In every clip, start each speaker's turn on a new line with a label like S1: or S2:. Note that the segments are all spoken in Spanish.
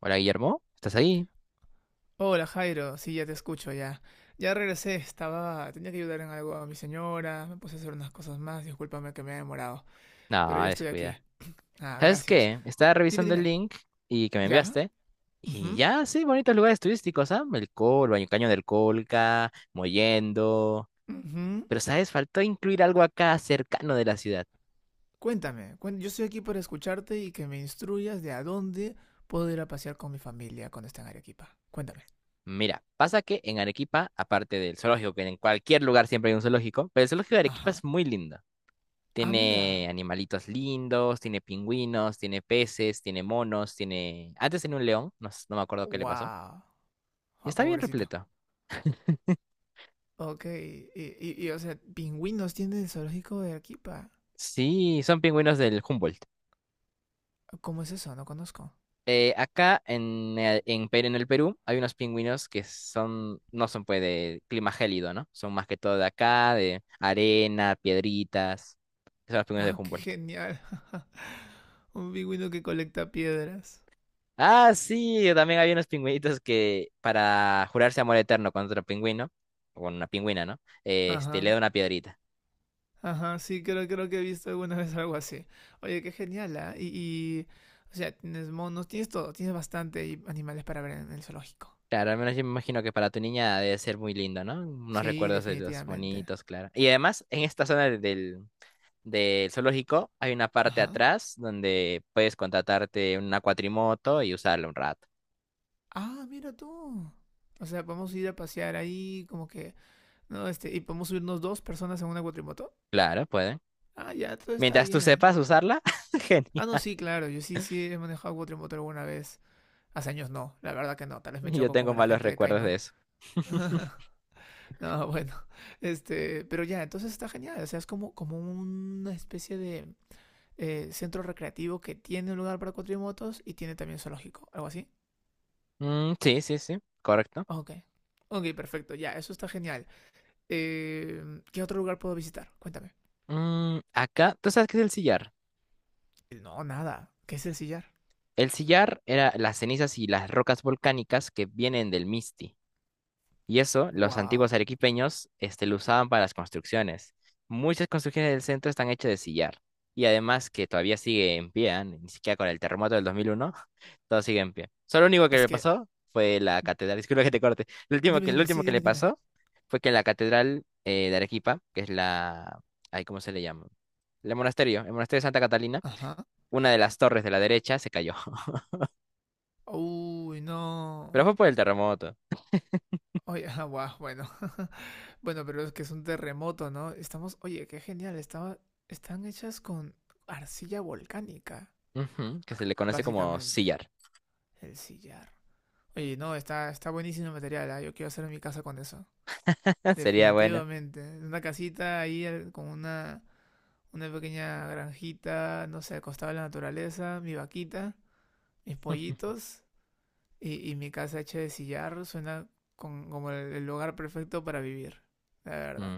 S1: Hola Guillermo, ¿estás ahí?
S2: Hola Jairo, sí, ya te escucho ya. Ya regresé, estaba, tenía que ayudar en algo a mi señora, me puse a hacer unas cosas más, discúlpame que me he demorado, pero
S1: No,
S2: ya estoy aquí.
S1: descuida.
S2: Ah,
S1: ¿Sabes
S2: gracias.
S1: qué? Estaba
S2: Dime,
S1: revisando el
S2: dime.
S1: link y que me
S2: ¿Ya?
S1: enviaste. Y
S2: Ujú,
S1: ya, sí, bonitos lugares turísticos, ¿ah? El Col, baño Caño del Colca, Mollendo.
S2: ujú.
S1: Pero, ¿sabes? Faltó incluir algo acá cercano de la ciudad.
S2: Cuéntame, yo estoy aquí para escucharte y que me instruyas de a dónde puedo ir a pasear con mi familia cuando esté en Arequipa. Cuéntame.
S1: Mira, pasa que en Arequipa, aparte del zoológico, que en cualquier lugar siempre hay un zoológico, pero el zoológico de Arequipa
S2: Ajá.
S1: es muy lindo.
S2: Ah,
S1: Tiene
S2: mira.
S1: animalitos lindos, tiene pingüinos, tiene peces, tiene monos, tiene... Antes tenía un león, no, no me acuerdo qué le pasó.
S2: Wow.
S1: Y
S2: Ah,
S1: está bien
S2: pobrecito.
S1: repleto.
S2: Ok, o sea, pingüinos tiene el zoológico de Arequipa.
S1: Sí, son pingüinos del Humboldt.
S2: ¿Cómo es eso? No conozco.
S1: Acá en en el Perú hay unos pingüinos que son, no son pues de clima gélido, ¿no? Son más que todo de acá, de arena, piedritas. Esos son los pingüinos de
S2: Qué
S1: Humboldt.
S2: genial. Un pingüino que colecta piedras.
S1: Ah, sí, también había unos pingüinitos que para jurarse amor eterno con otro pingüino, o con una pingüina, ¿no? Le
S2: Ajá.
S1: da una piedrita.
S2: Ajá, sí, creo que he visto alguna vez algo así. Oye, qué genial, ¿ah? O sea, tienes monos, tienes todo, tienes bastante animales para ver en el zoológico.
S1: Claro, al menos yo me imagino que para tu niña debe ser muy lindo, ¿no? Unos
S2: Sí,
S1: recuerdos de los
S2: definitivamente.
S1: monitos, claro. Y además, en esta zona del zoológico, hay una parte
S2: Ajá.
S1: atrás donde puedes contratarte una cuatrimoto y usarla un rato.
S2: Ah, mira tú. O sea, podemos ir a pasear ahí, como que, no, este, y podemos subirnos dos personas en una cuatrimoto.
S1: Claro, pueden.
S2: Ah, ya, todo está
S1: Mientras tú
S2: bien.
S1: sepas usarla, genial.
S2: Ah, no, sí, claro, yo sí, sí he manejado cuatrimoto alguna vez. Hace años no, la verdad que no, tal vez me
S1: Yo
S2: choco
S1: tengo
S2: como la
S1: malos
S2: gente de
S1: recuerdos de
S2: Caima.
S1: eso.
S2: No, bueno, este, pero ya, entonces está genial, o sea, es como, como una especie de centro recreativo que tiene un lugar para cuatrimotos y tiene también zoológico, algo así.
S1: Mm, sí, sí, sí, correcto.
S2: Ok, ok, perfecto, ya, eso está genial. ¿Qué otro lugar puedo visitar? Cuéntame.
S1: Mm, acá, ¿tú sabes qué es el sillar?
S2: No, nada, ¿qué es el sillar?
S1: El sillar era las cenizas y las rocas volcánicas que vienen del Misti. Y eso, los antiguos
S2: Wow,
S1: arequipeños, lo usaban para las construcciones. Muchas construcciones del centro están hechas de sillar. Y además que todavía sigue en pie, ¿ah? Ni siquiera con el terremoto del 2001, todo sigue en pie. Solo lo único que
S2: es
S1: le
S2: que,
S1: pasó fue la catedral, disculpa que te corte,
S2: dime,
S1: lo
S2: dime,
S1: último
S2: sí,
S1: que le
S2: dime, dime.
S1: pasó fue que la catedral de Arequipa, que es la, ay, ¿cómo se le llama? El monasterio de Santa Catalina,
S2: Ajá.
S1: una de las torres de la derecha se cayó,
S2: Uy,
S1: pero
S2: no.
S1: fue por el terremoto.
S2: Oye, ah, guau, bueno. Bueno, pero es que es un terremoto, ¿no? Estamos, oye, qué genial, estaba, están hechas con arcilla volcánica,
S1: Ujú, que se le conoce como
S2: básicamente,
S1: sillar.
S2: el sillar. Oye, no, está, está buenísimo el material, ¿ah? Yo quiero hacer mi casa con eso.
S1: Sería bueno.
S2: Definitivamente. Una casita con una pequeña granjita, no sé, acostada en la naturaleza, mi vaquita, mis pollitos y mi casa hecha de sillar suena como el lugar perfecto para vivir, la verdad.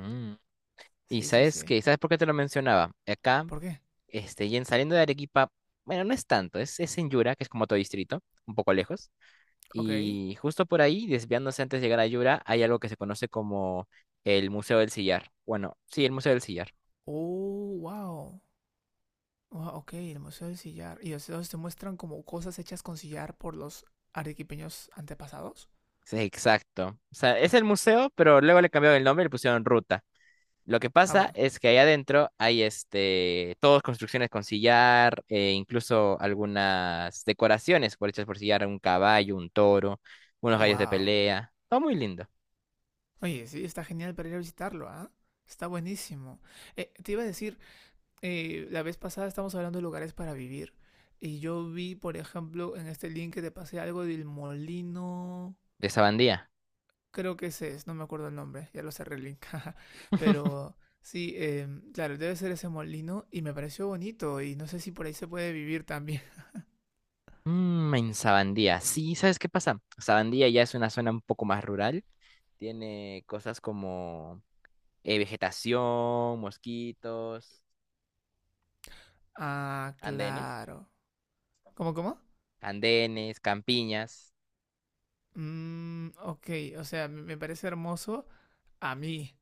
S1: Y
S2: Sí, sí,
S1: sabes
S2: sí.
S1: que, ¿sabes por qué te lo mencionaba? Acá,
S2: ¿Por qué?
S1: y en saliendo de Arequipa, bueno, no es tanto, es en Yura, que es como otro distrito, un poco lejos.
S2: Ok.
S1: Y justo por ahí, desviándose antes de llegar a Yura, hay algo que se conoce como el Museo del Sillar. Bueno, sí, el Museo del Sillar.
S2: Oh, wow. Wow, ok, el Museo del Sillar. ¿Y los te muestran como cosas hechas con sillar por los arequipeños antepasados?
S1: Sí, exacto. O sea, es el museo, pero luego le cambiaron el nombre y le pusieron ruta. Lo que
S2: Ah,
S1: pasa
S2: bueno.
S1: es que ahí adentro hay todas construcciones con sillar, e incluso algunas decoraciones por hechas por sillar, un caballo, un toro, unos gallos de
S2: Wow.
S1: pelea. Todo muy lindo.
S2: Oye, sí, está genial para ir a visitarlo, ¿ah? Está buenísimo. Te iba a decir, la vez pasada estamos hablando de lugares para vivir. Y yo vi, por ejemplo, en este link que te pasé algo del molino.
S1: De Sabandía.
S2: Creo que ese es, no me acuerdo el nombre, ya lo cerré el link. Pero sí, claro, debe ser ese molino y me pareció bonito y no sé si por ahí se puede vivir también.
S1: Mmm, en Sabandía. Sí, ¿sabes qué pasa? Sabandía ya es una zona un poco más rural. Tiene cosas como vegetación, mosquitos,
S2: Ah,
S1: andenes,
S2: claro. ¿Cómo, cómo?
S1: campiñas.
S2: Mm, ok, o sea, me parece hermoso a mí,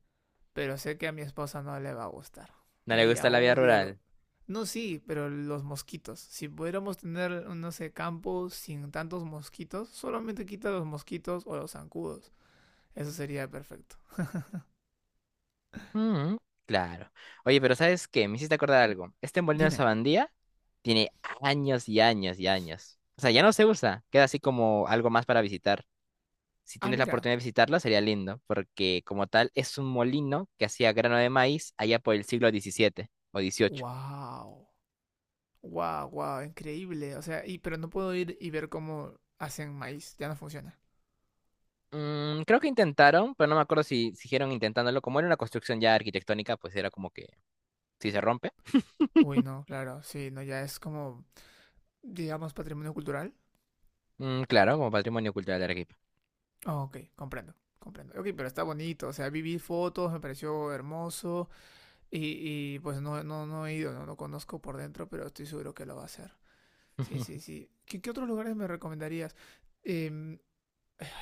S2: pero sé que a mi esposa no le va a gustar.
S1: No le
S2: Ella
S1: gusta la vida
S2: odia lo...
S1: rural.
S2: No, sí, pero los mosquitos. Si pudiéramos tener, no sé, campos sin tantos mosquitos, solamente quita los mosquitos o los zancudos. Eso sería perfecto.
S1: Mm, claro. Oye, pero ¿sabes qué? Me hiciste acordar algo. Este molino de
S2: Dime.
S1: sabandía tiene años y años y años. O sea, ya no se usa. Queda así como algo más para visitar. Si
S2: Ah,
S1: tienes la
S2: mira.
S1: oportunidad de visitarlo, sería lindo, porque como tal es un molino que hacía grano de maíz allá por el siglo 17 o 18.
S2: Wow. Wow, wow, increíble. O sea, y pero no puedo ir y ver cómo hacen maíz, ya no funciona.
S1: Mm, creo que intentaron, pero no me acuerdo si siguieron intentándolo. Como era una construcción ya arquitectónica, pues era como que si se rompe.
S2: Uy, no, claro, sí, no, ya es como, digamos, patrimonio cultural.
S1: Mm, claro, como patrimonio cultural de Arequipa.
S2: Ah, ok, comprendo, comprendo. Ok, pero está bonito, o sea, viví fotos, me pareció hermoso y pues no, no, no he ido, no, no conozco por dentro, pero estoy seguro que lo va a hacer. Sí, sí, sí. ¿Qué, qué otros lugares me recomendarías? Em,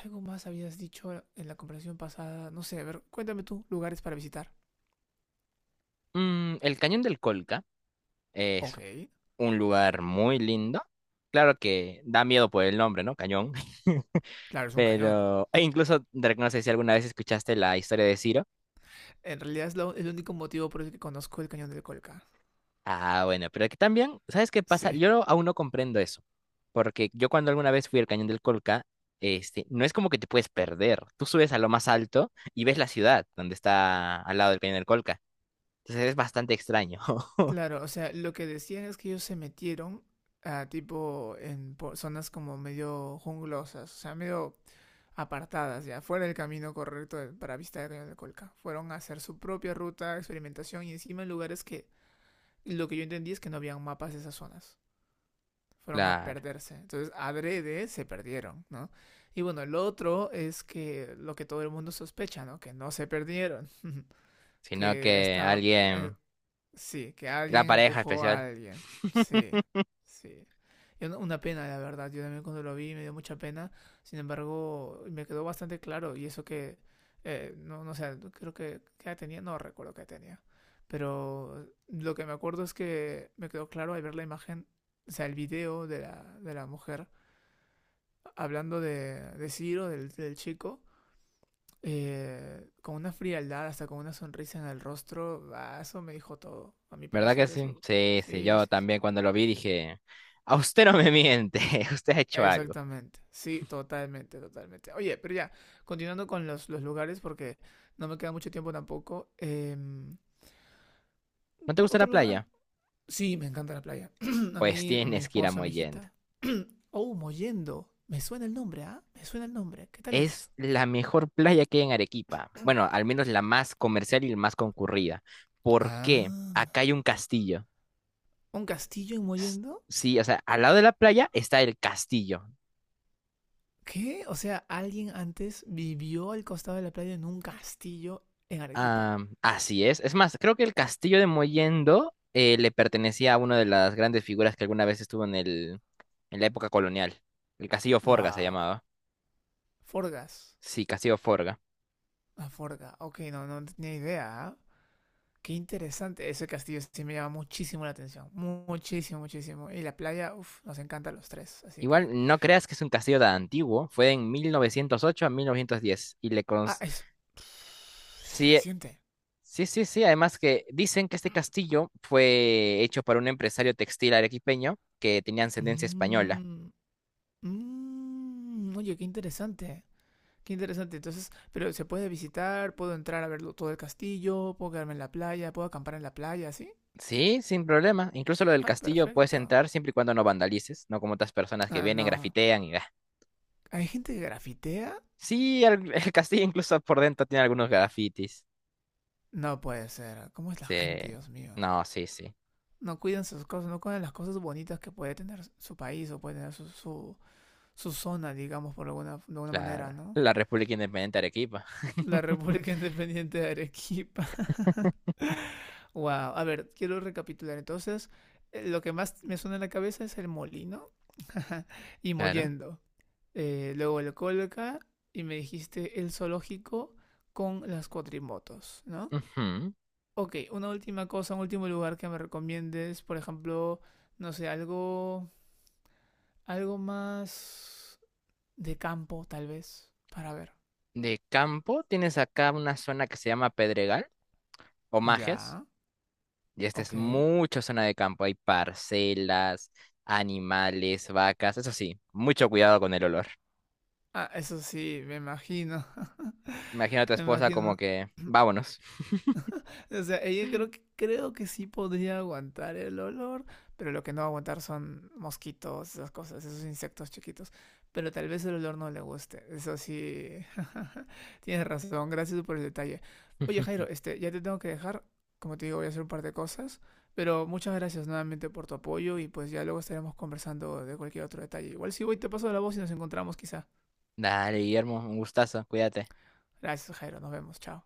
S2: algo más habías dicho en la conversación pasada, no sé, a ver, cuéntame tú, lugares para visitar.
S1: Mm, el cañón del Colca.
S2: Ok,
S1: Un lugar muy lindo. Claro que da miedo por el nombre, ¿no? Cañón.
S2: claro, es un cañón.
S1: Pero, e incluso, Drake, no sé si alguna vez escuchaste la historia de Ciro.
S2: En realidad es el único motivo por el que conozco el cañón del Colca.
S1: Ah, bueno, pero que también, ¿sabes qué pasa?
S2: Sí,
S1: Yo aún no comprendo eso. Porque yo cuando alguna vez fui al Cañón del Colca, no es como que te puedes perder. Tú subes a lo más alto y ves la ciudad donde está al lado del Cañón del Colca. Entonces es bastante extraño.
S2: claro, o sea, lo que decían es que ellos se metieron a tipo en zonas como medio junglosas, o sea, medio apartadas, ya fuera del camino correcto para visitar el cañón del Colca. Fueron a hacer su propia ruta, experimentación y encima en lugares que lo que yo entendí es que no habían mapas de esas zonas. Fueron a
S1: Claro.
S2: perderse. Entonces, adrede se perdieron, ¿no? Y bueno, el otro es que lo que todo el mundo sospecha, ¿no? Que no se perdieron,
S1: Sino
S2: que
S1: que
S2: estaban, eh,
S1: alguien,
S2: sí, que
S1: la
S2: alguien
S1: pareja
S2: empujó a
S1: especial.
S2: alguien. Sí, sí. Y una pena, la verdad. Yo también cuando lo vi me dio mucha pena. Sin embargo, me quedó bastante claro. Y eso que, no, no sé, creo que, ¿qué edad tenía? No recuerdo qué edad tenía. Pero lo que me acuerdo es que me quedó claro al ver la imagen, o sea, el video de la mujer hablando de Ciro, del, del chico con una frialdad, hasta con una sonrisa en el rostro, ah, eso me dijo todo, a mi
S1: ¿Verdad que
S2: parecer,
S1: sí?
S2: eso.
S1: Sí, sí,
S2: Sí,
S1: yo
S2: sí, sí.
S1: también cuando lo vi dije, a usted no me miente, usted ha hecho algo.
S2: Exactamente, sí, totalmente, totalmente. Oye, pero ya, continuando con los lugares, porque no me queda mucho tiempo tampoco.
S1: ¿No te
S2: ¿Por
S1: gusta la
S2: otro lugar?
S1: playa?
S2: Sí, me encanta la playa. A
S1: Pues
S2: mí, a mi
S1: tienes que ir a
S2: esposa, a mi
S1: Mollendo.
S2: hijita. Oh, Mollendo. Me suena el nombre, ¿ah? Me suena el nombre. ¿Qué tal es?
S1: Es la mejor playa que hay en Arequipa. Bueno, al menos la más comercial y la más concurrida. ¿Por qué?
S2: Ah.
S1: Acá hay un castillo.
S2: ¿Un castillo en
S1: S-
S2: Mollendo?
S1: Sí, o sea, al lado de la playa está el castillo.
S2: ¿Qué? O sea, alguien antes vivió al costado de la playa en un castillo en Arequipa.
S1: Ah, así es. Es más, creo que el castillo de Mollendo le pertenecía a una de las grandes figuras que alguna vez estuvo en en la época colonial. El castillo Forga se
S2: ¡Wow!
S1: llamaba.
S2: Forgas.
S1: Sí, Castillo Forga.
S2: Ah, Forga. Ok, no, no tenía idea. ¿Ah? Qué interesante. Ese castillo sí me llama muchísimo la atención. Muchísimo, muchísimo. Y la playa, uff, nos encanta a los tres. Así que.
S1: Igual no creas que es un castillo tan antiguo, fue en 1908 a 1910 y le
S2: Ah,
S1: cons-
S2: es. Es
S1: Sí,
S2: reciente.
S1: sí, sí, sí, además que dicen que este castillo fue hecho por un empresario textil arequipeño que tenía ascendencia española.
S2: Mm, mm, oye, qué interesante. Qué interesante. Entonces, pero se puede visitar, puedo entrar a verlo todo el castillo, puedo quedarme en la playa, puedo acampar en la playa, ¿sí?
S1: Sí, sin problema. Incluso lo del
S2: Ah,
S1: castillo puedes
S2: perfecto.
S1: entrar siempre y cuando no vandalices, no como otras personas que
S2: Ah,
S1: vienen,
S2: no.
S1: grafitean y... ah.
S2: ¿Hay gente que grafitea?
S1: Sí, el, el castillo incluso por dentro tiene algunos grafitis.
S2: No puede ser. ¿Cómo es la
S1: Sí.
S2: gente, Dios mío?
S1: No, sí, sí.
S2: No cuidan sus cosas, no cuidan las cosas bonitas que puede tener su país o puede tener su, su, su zona, digamos, por alguna, de alguna manera,
S1: Claro.
S2: ¿no?
S1: La República Independiente de Arequipa.
S2: La República Independiente de Arequipa. Wow. A ver, quiero recapitular. Entonces, lo que más me suena en la cabeza es el molino y
S1: Claro.
S2: Mollendo. Luego el Colca y me dijiste el zoológico con las cuatrimotos, ¿no?
S1: Ujú.
S2: Ok, una última cosa, un último lugar que me recomiendes, por ejemplo, no sé, algo, algo más de campo, tal vez, para ver.
S1: De campo tienes acá una zona que se llama Pedregal o Majes,
S2: Ya,
S1: y esta es
S2: ok.
S1: mucha zona de campo. Hay parcelas, animales, vacas, eso sí, mucho cuidado con el olor.
S2: Ah, eso sí, me imagino,
S1: Imagino a tu
S2: me
S1: esposa como
S2: imagino.
S1: que, vámonos.
S2: O sea, ella creo que sí podría aguantar el olor, pero lo que no va a aguantar son mosquitos, esas cosas, esos insectos chiquitos. Pero tal vez el olor no le guste. Eso sí, tienes razón, gracias por el detalle. Oye, Jairo, este, ya te tengo que dejar. Como te digo, voy a hacer un par de cosas, pero muchas gracias nuevamente por tu apoyo y pues ya luego estaremos conversando de cualquier otro detalle. Igual si voy te paso la voz y nos encontramos quizá.
S1: Dale, Guillermo, un gustazo, cuídate.
S2: Gracias, Jairo, nos vemos, chao.